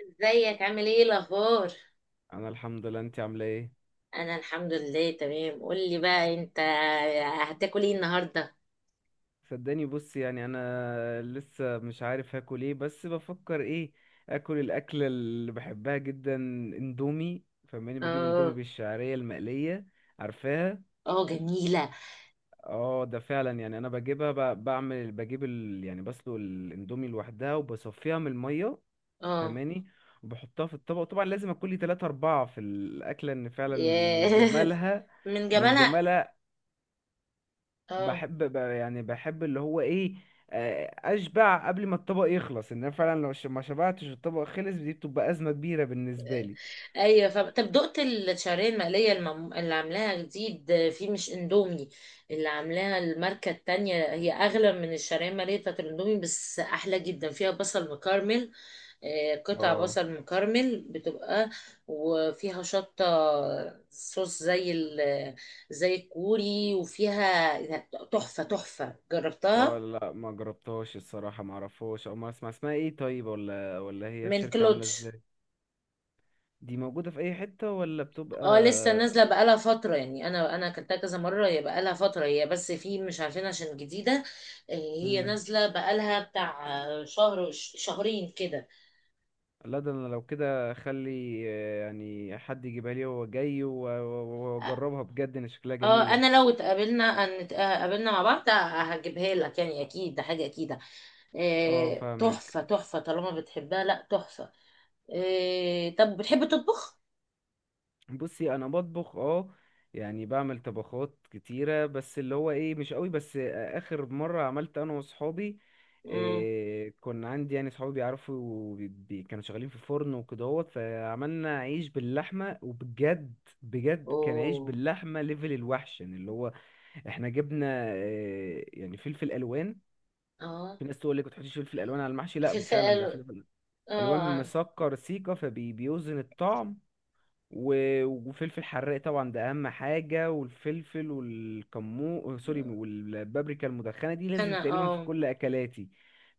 ازيك؟ عامل ايه؟ الاخبار؟ انا الحمد لله، انت عامله ايه؟ انا الحمد لله تمام. قول لي بقى انت هتاكل ايه النهارده؟ صدقني بص، يعني انا لسه مش عارف هاكل ايه، بس بفكر ايه. اكل الاكله اللي بحبها جدا، اندومي. فماني بجيب اندومي اه. بالشعريه المقليه. عارفاها. اه، جميله. اه، ده فعلا. يعني انا بجيبها يعني بسلق الاندومي لوحدها وبصفيها من الميه. اه. فماني وبحطها في الطبق، وطبعا لازم اكل لي 3 4 في الاكله، ان فعلا من ياه! جمالها. من من جمالها. جمالها. اه. بحب يعني بحب اللي هو ايه، اشبع قبل ما الطبق يخلص. ان انا فعلا لو ما شبعتش الطبق، خلص دي بتبقى ازمه كبيره بالنسبه لي. ايوه، طب دقت الشعريه المقليه اللي عاملاها جديد، في مش اندومي. اللي عاملاها الماركه التانية هي اغلى من الشعريه المقليه بتاعت الاندومي، بس احلى جدا. فيها بصل مكرمل. قطع اه. بصل مكرمل بتبقى. وفيها شطة. صوص زي الكوري، وفيها تحفة تحفة. اه، جربتها؟ لا ما جربتهاش الصراحة، ما اعرفهاش، او ما اسمع اسمها ايه. طيب، ولا هي من الشركة عاملة كلودج. ازاي؟ دي موجوده في اي حته ولا بتبقى؟ اه، لسه نازلة بقالها فترة. يعني انا اكلتها كذا مرة. هي بقالها فترة، هي بس في مش عارفين عشان جديدة. هي مم. نازلة بقالها بتاع شهر شهرين كده. لا، ده انا لو كده اخلي يعني حد يجيبها لي وهو جاي واجربها، بجد ان شكلها اه، جميلة. انا لو اتقابلنا مع بعض هجيبها لك، يعني اكيد. ده حاجه اكيده. اه إيه، فاهمك. تحفه تحفه طالما بتحبها، لا تحفه. إيه، طب بتحب تطبخ؟ بصي انا بطبخ، اه. يعني بعمل طبخات كتيرة، بس اللي هو ايه مش قوي. بس اخر مرة عملت انا وصحابي، امم إيه، كنا عندي، يعني صحابي بيعرفوا كانوا شغالين في فرن وكدهوت، فعملنا عيش باللحمة، وبجد بجد كان عيش اوه. باللحمة ليفل الوحش. يعني اللي هو احنا جبنا إيه، يعني فلفل الوان. اه. في ناس تقول لك ما تحطيش فلفل الوان على المحشي، في لا فعلا ده الفئه. فلفل الوان اه. مسكر سيكا، فبيوزن الطعم. وفلفل حراق طبعا، ده اهم حاجه، والفلفل والكمو سوري، والبابريكا المدخنه، دي لازم انا، تقريبا في اه. كل اكلاتي.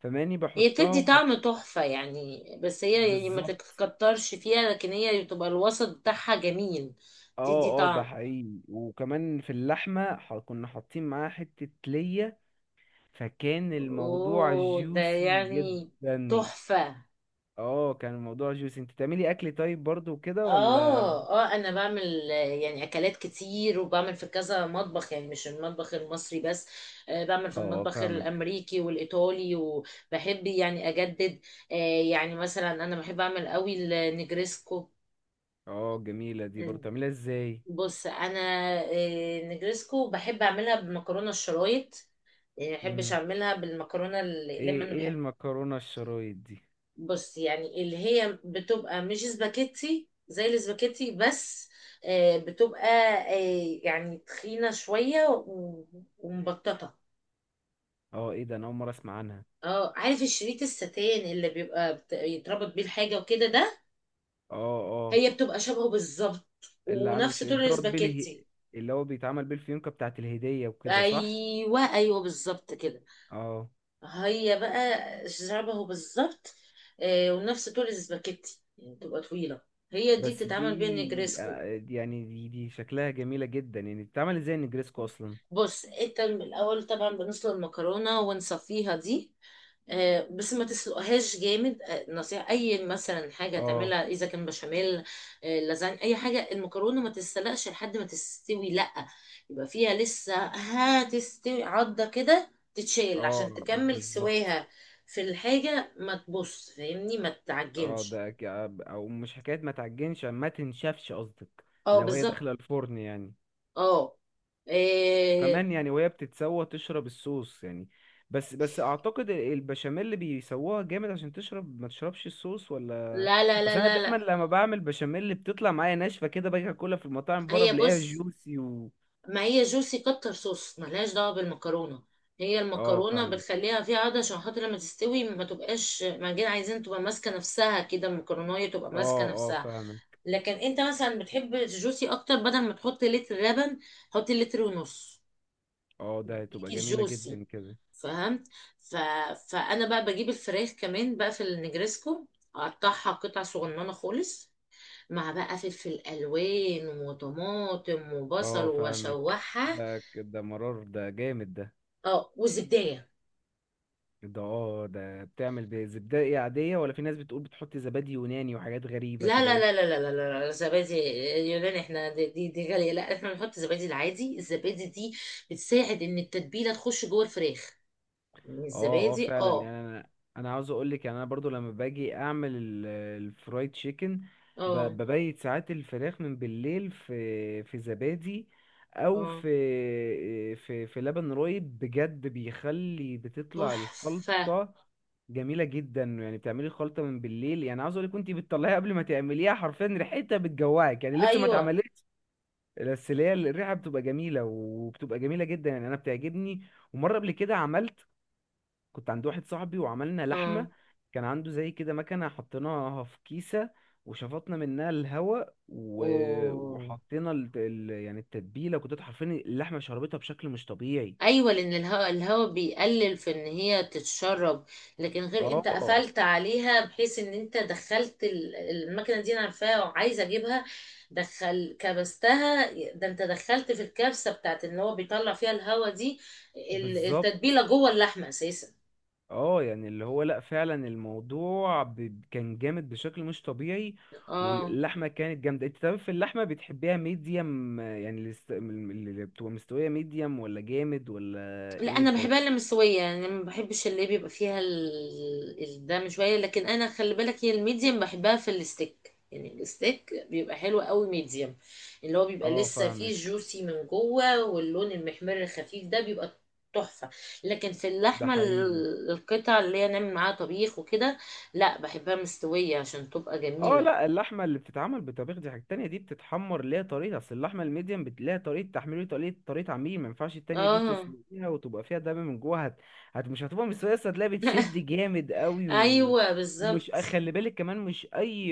فماني هي بحطها بتدي طعم وحط. تحفه يعني، بس هي يعني ما بالظبط. تتكترش فيها، لكن هي بتبقى الوسط بتاعها جميل. تدي اه اه، ده طعم. حقيقي. وكمان في اللحمه كنا حاطين معاها حته ليا، فكان الموضوع اوه، ده جوسي يعني جدا. تحفه. اه، كان الموضوع جوسي. انت تعملي اكل طيب برضو كده ولا؟ اه، اه، انا بعمل يعني اكلات كتير، وبعمل في كذا مطبخ يعني مش المطبخ المصري بس. بعمل في اه المطبخ فاهمك. الامريكي والايطالي، وبحب يعني اجدد. آه، يعني مثلا انا بحب اعمل قوي النجريسكو. اه جميله، دي برضو تعمليها ازاي؟ بص انا، نجريسكو بحب اعملها بمكرونه الشرايط. يعني ما بحبش مم. اعملها بالمكرونه الاقلام، ايه انا ايه بحب. المكرونه الشرايط دي؟ بص، يعني اللي هي بتبقى مش سباكيتي، زي السباكيتي بس. بتبقى يعني تخينة شوية ومبططة. اه ايه ده، انا اول مره اسمع عنها. اه، عارف الشريط الستان اللي بيبقى يتربط بيه الحاجة وكده ده؟ اه. اه. هي بتبقى شبهه بالظبط. ونفس اللي طول بتربط بيه السباكيتي. اللي هو بيتعمل بيه الفيونكه بتاعه الهديه وكده، صح؟ ايوه، ايوه، بالظبط كده. اه. هي بقى شبهه بالظبط. ونفس طول السباكيتي، يعني بتبقى طويلة. هي دي بس بتتعمل بيها دي نجريسكو. يعني دي شكلها جميله جدا. يعني بتتعمل ازاي النجريسكو اصلا؟ بص، انت الاول طبعا بنسلق المكرونه ونصفيها دي. بس ما تسلقهاش جامد. نصيحة، أي مثلا حاجة اه. تعملها إذا كان بشاميل، لازانيا، أي حاجة، المكرونة ما تتسلقش لحد ما تستوي، لأ. يبقى فيها لسه، هتستوي عضة كده تتشال اه عشان تكمل بالظبط. سواها. في الحاجة ما تبص فاهمني، ما اه تعجنش. ده ك- او مش حكايه ما تعجنش، ما تنشفش قصدك، اه، لو هي بالظبط. داخله الفرن يعني. اه. إيه. كمان يعني وهي بتتسوى تشرب الصوص يعني. بس اعتقد البشاميل اللي بيسووها جامد عشان تشرب، ما تشربش الصوص ولا؟ لا، لا، لا، اصل انا لا، دايما لا. لما بعمل بشاميل بتطلع معايا ناشفه كده، باجي اكلها في المطاعم بره هي بلاقيها بص، جوسي و… ما هي جوسي، كتر صوص ملهاش دعوة بالمكرونة. هي اه المكرونة فاهمك. بتخليها فيها عضة عشان خاطر لما تستوي ما تبقاش معجنة. عايزين تبقى ماسكة نفسها كده، المكرونية تبقى اه ماسكة اه نفسها. فاهمك. لكن انت مثلا بتحب الجوسي اكتر، بدل ما تحط لتر لبن حط لتر ونص. اه ده هتبقى يديكي جميله الجوسي. جدا كده. فهمت. ف... فانا بقى بجيب الفراخ كمان بقى في النجرسكو. اقطعها قطع صغننة خالص. مع بقى فلفل الوان وطماطم وبصل، اه فاهمك. واشوحها. ده مرار ده، جامد ده. اه، والزبدية. اه ده بتعمل بزبدة عادية، ولا في ناس بتقول بتحط زبادي يوناني وحاجات غريبة لا، لا، كده؟ لا، لا، لا، لا، لا، زبادي يوناني. احنا دي غالية، لا، احنا بنحط زبادي العادي. الزبادي دي بتساعد ان التتبيلة تخش جوه الفراخ. يعني اه اه الزبادي، فعلا. اه. يعني انا عاوز اقول لك، يعني انا برضو لما باجي اعمل الفرايد تشيكن، اه، ببيت ساعات الفراخ من بالليل في زبادي، او اه، في في لبن رايب، بجد بيخلي بتطلع تحفة. الخلطة جميلة جدا. يعني بتعملي الخلطة من بالليل، يعني عاوز اقول لك كنت بتطلعيها قبل ما تعمليها حرفيا، ريحتها بتجوعك، يعني لسه ما ايوه. اتعملتش. بس اللي هي الريحة بتبقى جميلة، وبتبقى جميلة جدا، يعني انا بتعجبني. ومرة قبل كده عملت، كنت عند واحد صاحبي وعملنا اه. لحمة، كان عنده زي كده مكنة، حطيناها في كيسة وشفطنا منها الهواء، و… اوه، وحطينا يعني التتبيلة، كنت حرفيا اللحمة شربتها بشكل مش طبيعي. ايوه، لان الهواء بيقلل في ان هي تتشرب. لكن غير انت اه قفلت عليها، بحيث ان انت دخلت المكنه دي، انا عارفاها وعايزه اجيبها. دخل كبستها. ده انت دخلت في الكبسه بتاعت ان هو بيطلع فيها الهواء دي. بالظبط. التتبيله جوه اللحمه اساسا. اه، يعني اللي هو لا فعلا الموضوع كان جامد بشكل مش طبيعي، اه، واللحمة كانت جامدة. انت طب في اللحمة بتحبيها ميديم، يعني اللي بتبقى مستوية ميديم، ولا جامد، ولا لا، انا ايه، طيب؟ بحبها اللي مستويه. يعني أنا ما بحبش اللي بيبقى فيها الدم شويه. لكن انا خلي بالك، هي الميديم بحبها في الستيك. يعني الستيك بيبقى حلو قوي ميديم. اللي هو بيبقى اه لسه فيه فاهمك. جوسي من جوه، واللون المحمر الخفيف ده بيبقى تحفه. لكن في ده اللحمه، حقيقي. القطع اللي هي نعمل معاها طبيخ وكده، لا، بحبها مستويه عشان تبقى اه، جميله. لا، اللحمه اللي بتتعمل بطبيخ دي حاجه تانية، دي بتتحمر ليها طريقه. اصل اللحمه الميديم ليها طريقه تحميل، وليها طريقه عميل، ما ينفعش التانية دي اه. تسلقيها وتبقى فيها دم من جوه، هت... هت مش هتبقى مستويه، اصل هتلاقيها بتشد جامد قوي و… ايوه، ومش بالظبط. خلي بالك كمان، مش اي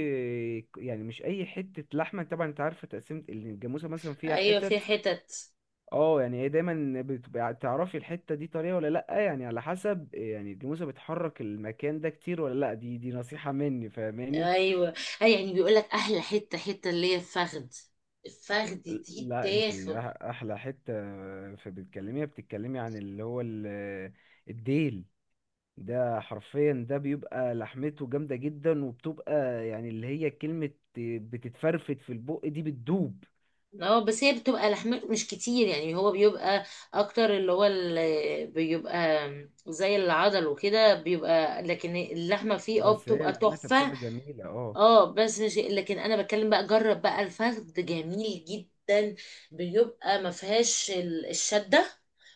يعني مش اي حته لحمه. طبعا انت عارفه تقسيمه الجاموسه مثلا فيها ايوه، في حتت. حتت. اه، يعني هي دايما بتبقى تعرفي الحته دي طريه ولا لا، يعني على حسب. يعني الجاموسه بتحرك المكان ده كتير ولا لا، دي نصيحه مني، فاهماني؟ ايوه. اي يعني، بيقول لك احلى حته حته اللي هي الفخد. الفخد دي لا انت تاخد. احلى حته في بتكلميها، بتتكلمي عن اللي هو الديل، ده حرفيا ده بيبقى لحمته جامده جدا، وبتبقى يعني اللي هي كلمه بتتفرفت في البق، دي بتدوب. اه، بس هي بتبقى لحمته مش كتير، يعني هو بيبقى اكتر. اللي هو اللي بيبقى زي العضل وكده بيبقى، لكن اللحمه فيه بس هي بتبقى لحمتها تحفه. بتبقى جميله، اه. اه، بس شيء، لكن انا بتكلم بقى، جرب بقى الفخد جميل جدا. بيبقى ما فيهاش الشده.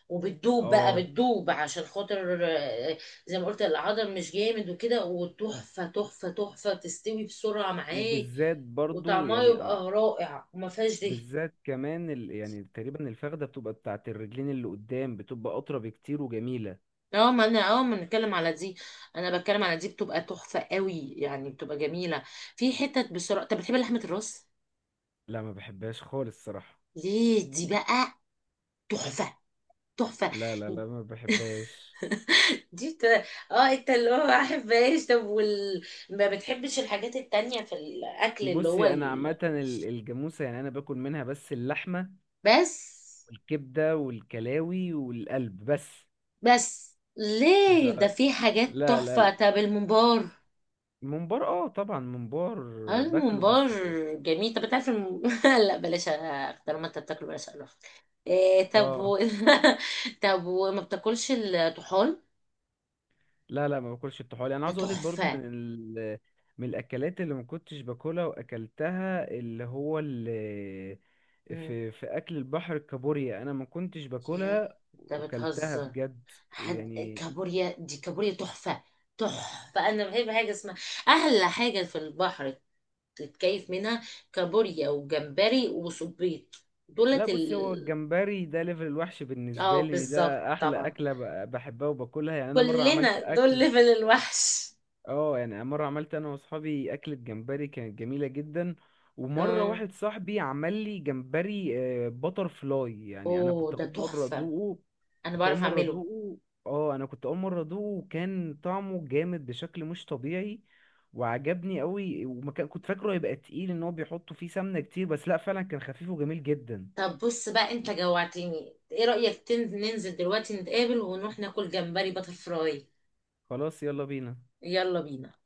وبتدوب بقى اه، بتدوب، عشان خاطر زي ما قلت العضل مش جامد وكده، وتحفه تحفه تحفه تستوي بسرعه معاك. وبالذات برضو وطعمها يعني يبقى رائع، وما فيهاش دهن. بالذات كمان يعني تقريبا الفخده بتبقى بتاعت الرجلين اللي قدام، بتبقى اطرى بكتير وجميله. اه، ما انا ما بنتكلم على دي. انا بتكلم على دي، بتبقى تحفه قوي، يعني بتبقى جميله. في حتت بسرعه. طب بتحب لحمه الراس؟ لا ما بحبهاش خالص الصراحه. ليه؟ دي بقى تحفه. تحفه. لا لا لا، ما بحبهاش. دي اه، انت اللي هو ما بحبهاش. طب ما بتحبش الحاجات التانية في الأكل اللي هو بصي انا عامه الجاموسه يعني انا باكل منها بس اللحمه بس. والكبده والكلاوي والقلب بس. بس مش ليه ع... ده؟ في حاجات لا لا تحفة. لا. طب الممبار؟ الممبار، اه طبعا ممبار باكله، الممبار بس. جميل. طب انت عارف لا بلاش طالما انت بتاكله بلاش أقرف. إيه، طب اه. طب وما بتاكلش الطحال؟ لا لا، ما باكلش الطحالي. انا ده عاوز اقولك برضو تحفة. من الاكلات اللي ما كنتش باكلها واكلتها اللي هو مم. في اكل البحر، الكابوريا. انا ما كنتش يا، باكلها انت وكلتها بتهزر؟ بجد، يعني. كابوريا، دي كابوريا تحفة. تحفة، أنا بحب حاجة اسمها أحلى حاجة في البحر تتكيف منها. كابوريا وجمبري وصبيط، لا دولت بص، هو الجمبري ده ليفل الوحش بالنسبة اه، لي، ان بالظبط، ده احلى طبعا. اكلة بحبها وباكلها. يعني انا مرة كلنا عملت دول اكل، ليفل الوحش. اه، يعني مرة عملت انا واصحابي اكلة جمبري كانت جميلة جدا. ومرة اه، واحد صاحبي عمل لي جمبري باتر فلاي، يعني انا اوه، كنت ده اول مرة تحفة. ادوقه. أنا كنت اول بعرف مرة أعمله. ادوقه اه انا كنت اول مرة ادوقه، وكان طعمه جامد بشكل مش طبيعي، وعجبني قوي. ومكان كنت فاكره هيبقى تقيل ان هو بيحطوا فيه سمنة كتير، بس لا فعلا كان خفيف وجميل جدا. طب بص بقى، أنت جوعتني. إيه رأيك ننزل دلوقتي، نتقابل ونروح ناكل جمبري باتر فراي؟ خلاص يلا بينا. يلا بينا.